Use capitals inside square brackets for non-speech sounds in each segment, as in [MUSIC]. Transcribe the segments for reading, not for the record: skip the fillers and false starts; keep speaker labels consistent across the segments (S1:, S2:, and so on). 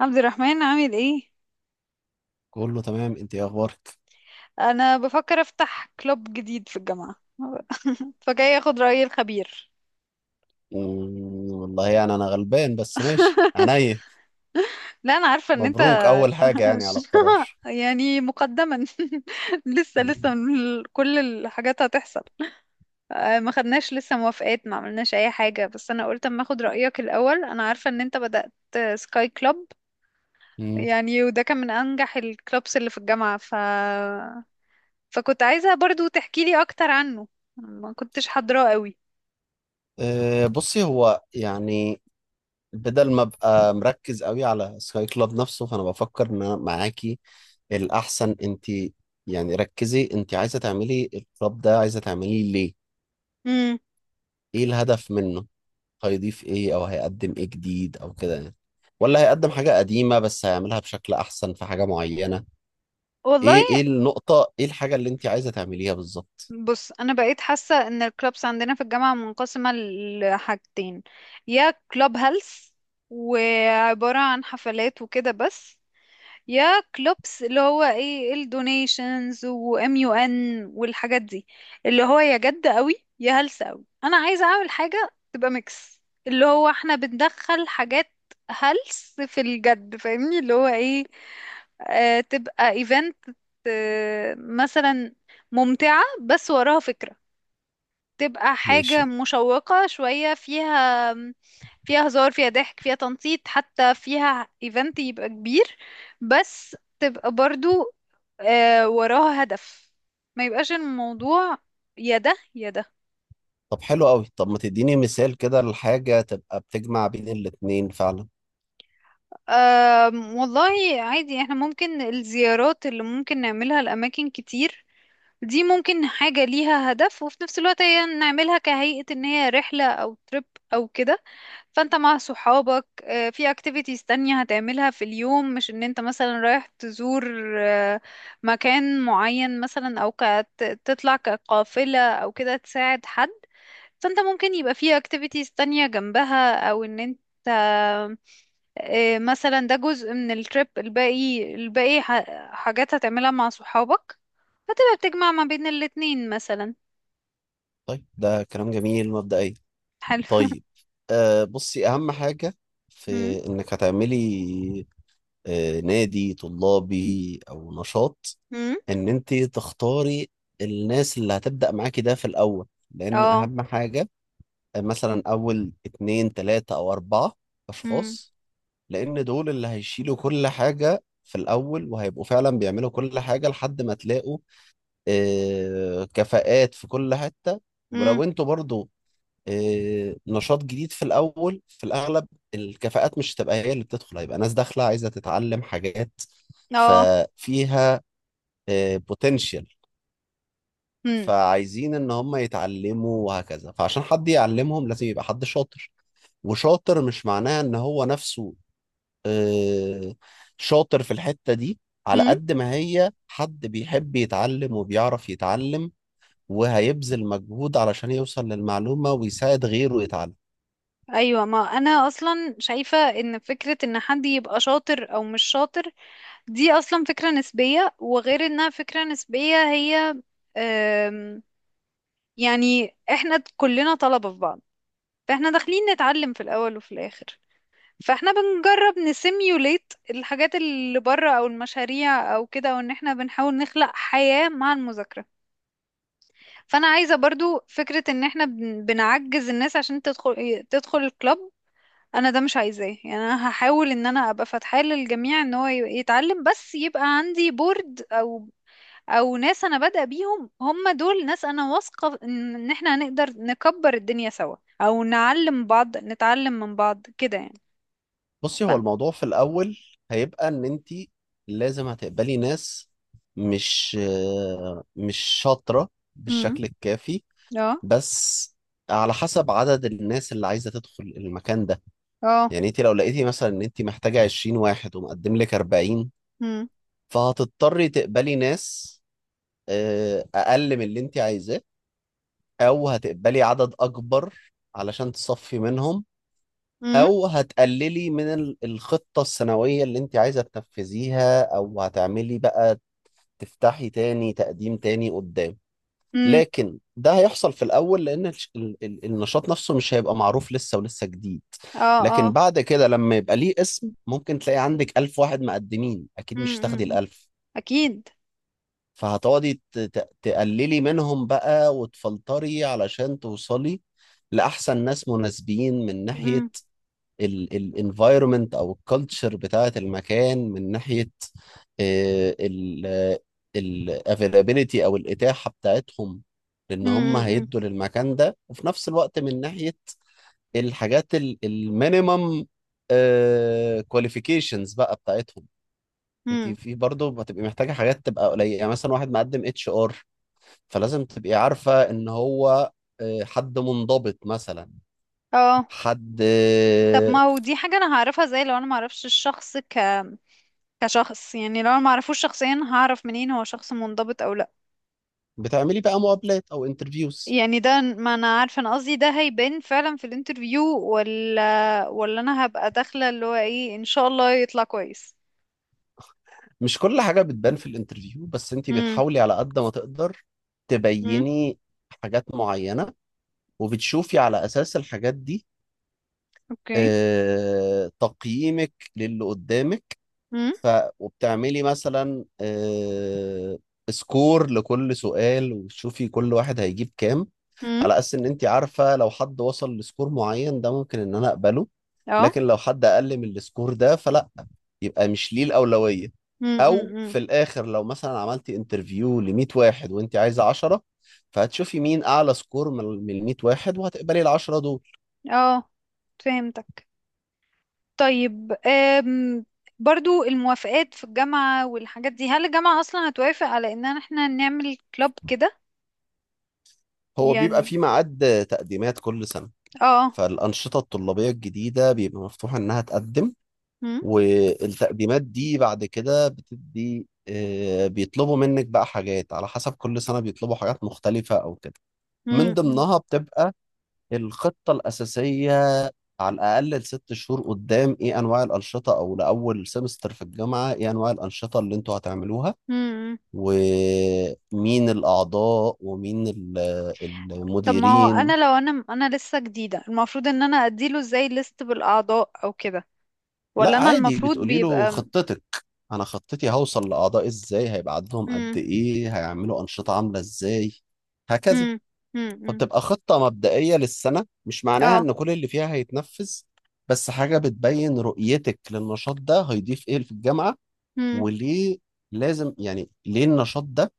S1: عبد الرحمن، عامل ايه؟
S2: كله تمام، انت ايه اخبارك؟
S1: انا بفكر افتح كلوب جديد في الجامعه. [LAUGHS] فجاي اخد راي الخبير.
S2: والله يعني انا غلبان بس ماشي عينيا.
S1: لا، انا عارفه ان انت.
S2: مبروك اول حاجه يعني على
S1: [LAUGHS]
S2: القرار.
S1: يعني مقدما. [LAUGHS] لسه
S2: مم.
S1: لسه، كل الحاجات هتحصل. آه، ما خدناش لسه موافقات، ما عملناش اي حاجه، بس انا قلت اما اخد رايك الاول. انا عارفه ان انت بدات سكاي كلوب.
S2: مم.
S1: يعني وده كان من انجح الكلوبس اللي في الجامعه، فكنت عايزه برضو تحكي لي اكتر عنه. ما كنتش حاضراه قوي.
S2: أه بصي هو يعني بدل ما ابقى مركز قوي على سكاي كلاب نفسه فانا بفكر ان انا معاكي الاحسن. انت يعني ركزي، انت عايزه تعملي الكلاب ده، عايزه تعمليه ليه؟
S1: امم
S2: ايه الهدف منه؟ هيضيف ايه او هيقدم ايه جديد او كده يعني، ولا هيقدم حاجه قديمه بس هيعملها بشكل احسن في حاجه معينه؟
S1: والله،
S2: ايه النقطة، ايه الحاجة اللي انت عايزة تعمليها بالظبط؟
S1: بص، انا بقيت حاسه ان الكلابس عندنا في الجامعه منقسمه لحاجتين: يا كلاب هيلث وعباره عن حفلات وكده بس، يا كلوبس اللي هو ايه الدونيشنز وام يو ان والحاجات دي، اللي هو يا جد قوي يا هلس قوي. انا عايزه اعمل حاجه تبقى ميكس، اللي هو احنا بندخل حاجات هلس في الجد، فاهمني؟ اللي هو ايه، آه تبقى ايفنت، آه مثلا ممتعه بس وراها فكره، تبقى حاجة
S2: ماشي.
S1: مشوقة شوية، فيها، فيها هزار، فيها ضحك، فيها تنطيط، حتى فيها ايفنت يبقى كبير، بس تبقى برضو، آه، وراها هدف. ما يبقاش الموضوع يا ده يا ده.
S2: طب حلو قوي، طب ما تديني مثال كده لحاجة تبقى بتجمع بين الاتنين فعلا.
S1: والله، عادي، احنا ممكن الزيارات اللي ممكن نعملها لأماكن كتير، دي ممكن حاجة ليها هدف، وفي نفس الوقت هي نعملها كهيئة ان هي رحلة او تريب او كده. فانت مع صحابك، في اكتيفيتيز تانية هتعملها في اليوم، مش ان انت مثلا رايح تزور، مكان معين مثلا، او تطلع كقافلة او كده تساعد حد. فانت ممكن يبقى في اكتيفيتيز تانية جنبها، او ان انت، مثلا ده جزء من التريب، الباقي، الباقي حاجات هتعملها مع صحابك، فتبقى بتجمع ما بين الاتنين مثلا.
S2: طيب ده كلام جميل مبدئيا.
S1: حلو.
S2: طيب، بصي، اهم حاجة
S1: [LAUGHS]
S2: في
S1: مم.
S2: انك هتعملي نادي طلابي او نشاط،
S1: مم.
S2: ان انت تختاري الناس اللي هتبدأ معاكي ده في الاول، لان
S1: اه.
S2: اهم حاجة، مثلا اول اتنين تلاتة او اربعة
S1: مم.
S2: اشخاص، لان دول اللي هيشيلوا كل حاجة في الاول وهيبقوا فعلا بيعملوا كل حاجة لحد ما تلاقوا كفاءات في كل حتة.
S1: مم.
S2: ولو انتوا برضو نشاط جديد في الاول، في الاغلب الكفاءات مش هتبقى هي اللي بتدخل، هيبقى ناس داخلة عايزة تتعلم حاجات
S1: اه.
S2: ففيها بوتنشال.
S1: مم.
S2: فعايزين ان هم يتعلموا وهكذا، فعشان حد يعلمهم لازم يبقى حد شاطر. وشاطر مش معناه ان هو نفسه آه، شاطر في الحتة دي، على
S1: مم.
S2: قد ما هي حد بيحب يتعلم وبيعرف يتعلم وهيبذل مجهود علشان يوصل للمعلومة ويساعد غيره يتعلم.
S1: ايوه، ما انا اصلا شايفه ان فكره ان حد يبقى شاطر او مش شاطر، دي اصلا فكره نسبيه، وغير انها فكره نسبيه، هي، آم، يعني احنا كلنا طلبه في بعض، فاحنا داخلين نتعلم في الاول وفي الاخر، فاحنا بنجرب نسيميوليت الحاجات اللي بره او المشاريع او كده، وان احنا بنحاول نخلق حياه مع المذاكره. فانا عايزه برضو فكره ان احنا بنعجز الناس عشان تدخل الكلاب، انا ده مش عايزاه. يعني انا هحاول ان انا ابقى فاتحة للجميع ان هو يتعلم، بس يبقى عندي بورد، او ناس انا بادئة بيهم، هم دول ناس انا واثقة ان احنا هنقدر نكبر الدنيا سوا، او نعلم بعض نتعلم من بعض كده يعني.
S2: بصي، هو
S1: فن
S2: الموضوع في الأول هيبقى إن أنت لازم هتقبلي ناس مش مش شاطرة
S1: امم
S2: بالشكل الكافي،
S1: اه.
S2: بس على حسب عدد الناس اللي عايزة تدخل المكان ده.
S1: اه.
S2: يعني انت لو لقيتي مثلا ان انت محتاجة 20 واحد ومقدم لك 40،
S1: امم.
S2: فهتضطري تقبلي ناس اقل من اللي انت عايزاه، او هتقبلي عدد اكبر علشان تصفي منهم،
S1: امم.
S2: او هتقللي من الخطة السنوية اللي انت عايزة تنفذيها، او هتعملي بقى تفتحي تاني تقديم تاني قدام.
S1: امم.
S2: لكن ده هيحصل في الاول لان النشاط نفسه مش هيبقى معروف لسه ولسه جديد.
S1: اه. اه.
S2: لكن بعد كده لما يبقى ليه اسم ممكن تلاقي عندك ألف واحد مقدمين، اكيد مش هتاخدي
S1: امم.
S2: الألف،
S1: اكيد.
S2: فهتقعدي تقللي منهم بقى وتفلتري علشان توصلي لأحسن ناس مناسبين، من ناحية
S1: امم.
S2: الانفايرمنت أو الكالتشر بتاعة المكان، من ناحية الافيلابيلتي أو الإتاحة بتاعتهم لأن هم
S1: امم.
S2: هيدوا للمكان ده، وفي نفس الوقت من ناحية الحاجات المينيمم كواليفيكيشنز بقى بتاعتهم. انت
S1: امم.
S2: في برضه هتبقي محتاجه حاجات تبقى قليله، يعني مثلا واحد مقدم اتش ار، فلازم تبقي عارفة ان هو حد منضبط مثلا،
S1: اه.
S2: حد
S1: طب، ما
S2: آه،
S1: هو دي حاجة انا هعرفها ازاي؟ لو انا ما اعرفش الشخص كشخص، يعني لو انا معرفوش شخصيا، هعرف منين هو شخص منضبط او لا؟
S2: بتعملي بقى مقابلات او انترفيوز.
S1: يعني ده ما انا عارفه، انا قصدي ده هيبان فعلا في الانترفيو، ولا انا هبقى داخله اللي هو ايه، ان شاء الله يطلع كويس.
S2: مش كل حاجة بتبان في الانترفيو بس انت
S1: امم.
S2: بتحاولي على قد ما تقدر
S1: امم.
S2: تبيني حاجات معينة، وبتشوفي على اساس الحاجات دي
S1: اوكي.
S2: تقييمك للي قدامك.
S1: امم.
S2: ف وبتعملي مثلا سكور لكل سؤال وتشوفي كل واحد هيجيب كام،
S1: امم.
S2: على اساس ان انت عارفه لو حد وصل لسكور معين ده ممكن ان انا اقبله،
S1: اه.
S2: لكن لو حد اقل من السكور ده فلا، يبقى مش ليه الاولويه. او
S1: امم.
S2: في الاخر لو مثلا عملتي انترفيو ل 100 واحد وانت عايزه 10، فهتشوفي مين اعلى سكور من ال 100 واحد وهتقبلي ال 10 دول.
S1: اه، فهمتك. طيب، برضو الموافقات في الجامعة والحاجات دي، هل الجامعة أصلا هتوافق على إن احنا نعمل كلاب كده
S2: هو بيبقى
S1: يعني؟
S2: في ميعاد تقديمات كل سنه،
S1: اه.
S2: فالانشطه الطلابيه الجديده بيبقى مفتوح انها تقدم،
S1: امم.
S2: والتقديمات دي بعد كده بتدي بيطلبوا منك بقى حاجات على حسب كل سنة، بيطلبوا حاجات مختلفة أو كده. من ضمنها بتبقى الخطة الأساسية على الأقل لست شهور قدام، إيه أنواع الأنشطة أو لأول سمستر في الجامعة إيه أنواع الأنشطة اللي أنتوا هتعملوها،
S1: امم.
S2: ومين الأعضاء ومين
S1: طب ما هو
S2: المديرين.
S1: انا، لو انا لسه جديدة، المفروض ان انا اديله ازاي ليست بالاعضاء او كده، ولا
S2: لا
S1: انا
S2: عادي،
S1: المفروض
S2: بتقولي له
S1: بيبقى؟
S2: خطتك، انا خطتي هوصل لاعضاء ازاي، هيبقى عددهم قد
S1: امم.
S2: ايه، هيعملوا انشطه عامله ازاي، هكذا.
S1: امم. امم.
S2: فبتبقى خطه مبدئيه للسنه، مش معناها
S1: اه.
S2: ان كل اللي فيها هيتنفذ، بس حاجه بتبين رؤيتك للنشاط ده هيضيف ايه في الجامعه
S1: امم.
S2: وليه لازم، يعني ليه النشاط ده؟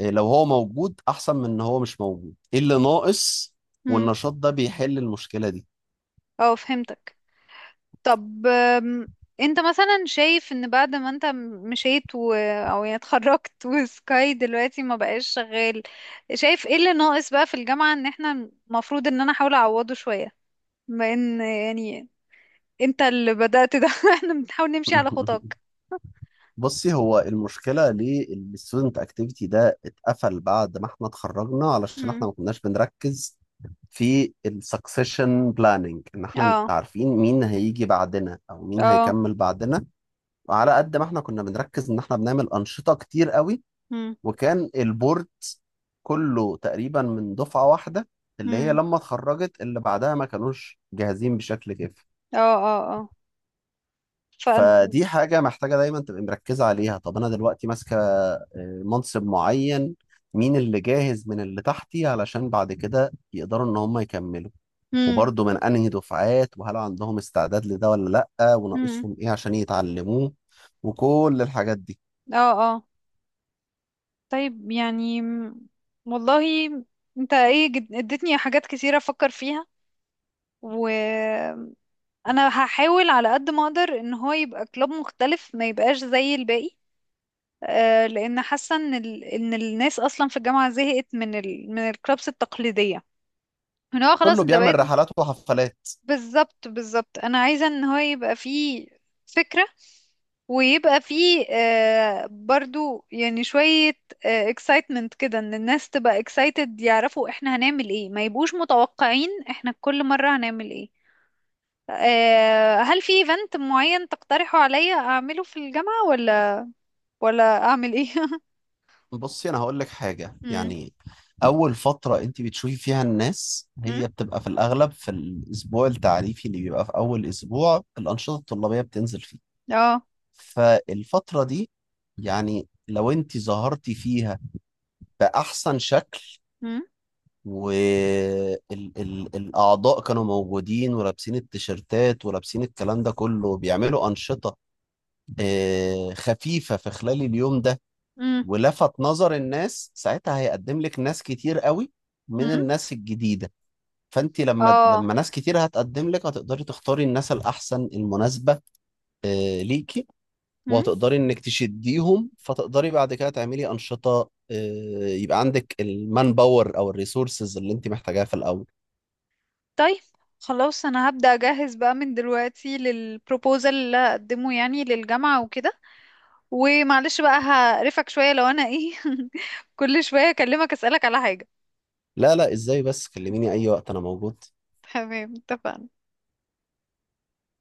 S2: إيه لو هو موجود احسن من ان هو مش موجود؟ ايه اللي ناقص
S1: امم.
S2: والنشاط ده بيحل المشكله دي؟
S1: اه، فهمتك. طب، أم، انت مثلا شايف ان بعد ما انت مشيت او يعني اتخرجت، [LAUGHS] وسكاي دلوقتي ما بقاش شغال، شايف ايه اللي ناقص بقى في الجامعة ان احنا المفروض ان انا احاول اعوضه شوية، بما ان يعني انت اللي بدأت ده. [LAUGHS] احنا بنحاول نمشي على خطاك.
S2: [LAUGHS] بصي، هو المشكلة ليه الستودنت اكتيفيتي ده اتقفل بعد ما احنا اتخرجنا، علشان احنا
S1: امم.
S2: ما كناش بنركز في السكسيشن بلاننج، ان احنا
S1: اه.
S2: عارفين مين هيجي بعدنا او مين
S1: اه.
S2: هيكمل بعدنا. وعلى قد ما احنا كنا بنركز ان احنا بنعمل انشطة كتير قوي،
S1: امم.
S2: وكان البورد كله تقريبا من دفعة واحدة، اللي هي
S1: امم.
S2: لما اتخرجت اللي بعدها ما كانوش جاهزين بشكل كافي.
S1: اه. اه. اه. ف
S2: فدي حاجة محتاجة دايما تبقى مركزة عليها. طب أنا دلوقتي ماسكة منصب معين، مين اللي جاهز من اللي تحتي علشان بعد كده يقدروا إن هم يكملوا، وبرضه من أنهي دفعات، وهل عندهم استعداد لده ولا لأ،
S1: امم
S2: وناقصهم إيه عشان يتعلموه، وكل الحاجات دي.
S1: اه. اه. طيب، يعني والله، انت، ايه، اديتني حاجات كتيرة افكر فيها، وانا هحاول على قد ما اقدر ان هو يبقى كلوب مختلف، ما يبقاش زي الباقي. آه، لان حاسه ان الناس اصلا في الجامعه زهقت من الكلوبس التقليديه، ان هو خلاص
S2: كله
S1: انت بقيت.
S2: بيعمل رحلات وحفلات.
S1: بالظبط بالظبط، انا عايزة ان هو يبقى فيه فكرة، ويبقى فيه، آه، برضو، يعني، شوية excitement كده، ان الناس تبقى excited يعرفوا احنا هنعمل ايه، ما يبقوش متوقعين احنا كل مرة هنعمل ايه. هل في event معين تقترحه عليا اعمله في الجامعة، ولا اعمل ايه؟ [LAUGHS]
S2: بصي أنا هقول لك حاجة
S1: مم.
S2: يعني، أول فترة أنت بتشوفي فيها الناس
S1: مم.
S2: هي بتبقى في الأغلب في الأسبوع التعريفي اللي بيبقى في أول أسبوع الأنشطة الطلابية بتنزل فيه.
S1: اه.
S2: فالفترة دي يعني لو انت ظهرتي فيها بأحسن شكل،
S1: مم.
S2: والأعضاء كانوا موجودين ولابسين التيشيرتات ولابسين الكلام ده كله وبيعملوا أنشطة خفيفة في خلال اليوم ده
S1: مم.
S2: ولفت نظر الناس، ساعتها هيقدم لك ناس كتير قوي من
S1: مم.
S2: الناس الجديدة. فانت لما
S1: اه.
S2: لما ناس كتير هتقدم لك هتقدري تختاري الناس الأحسن المناسبة ليكي. وهتقدري انك تشديهم، فتقدري بعد كده تعملي انشطه، يبقى عندك المان باور او الريسورسز اللي انت محتاجاها في الاول.
S1: طيب، خلاص، انا هبدأ اجهز بقى من دلوقتي للبروبوزال اللي هقدمه يعني للجامعة وكده. ومعلش بقى، هقرفك شوية لو انا ايه. [LAUGHS] كل شوية اكلمك اسألك على حاجة.
S2: لا لا، ازاي بس، كلميني اي وقت انا موجود.
S1: تمام، اتفقنا.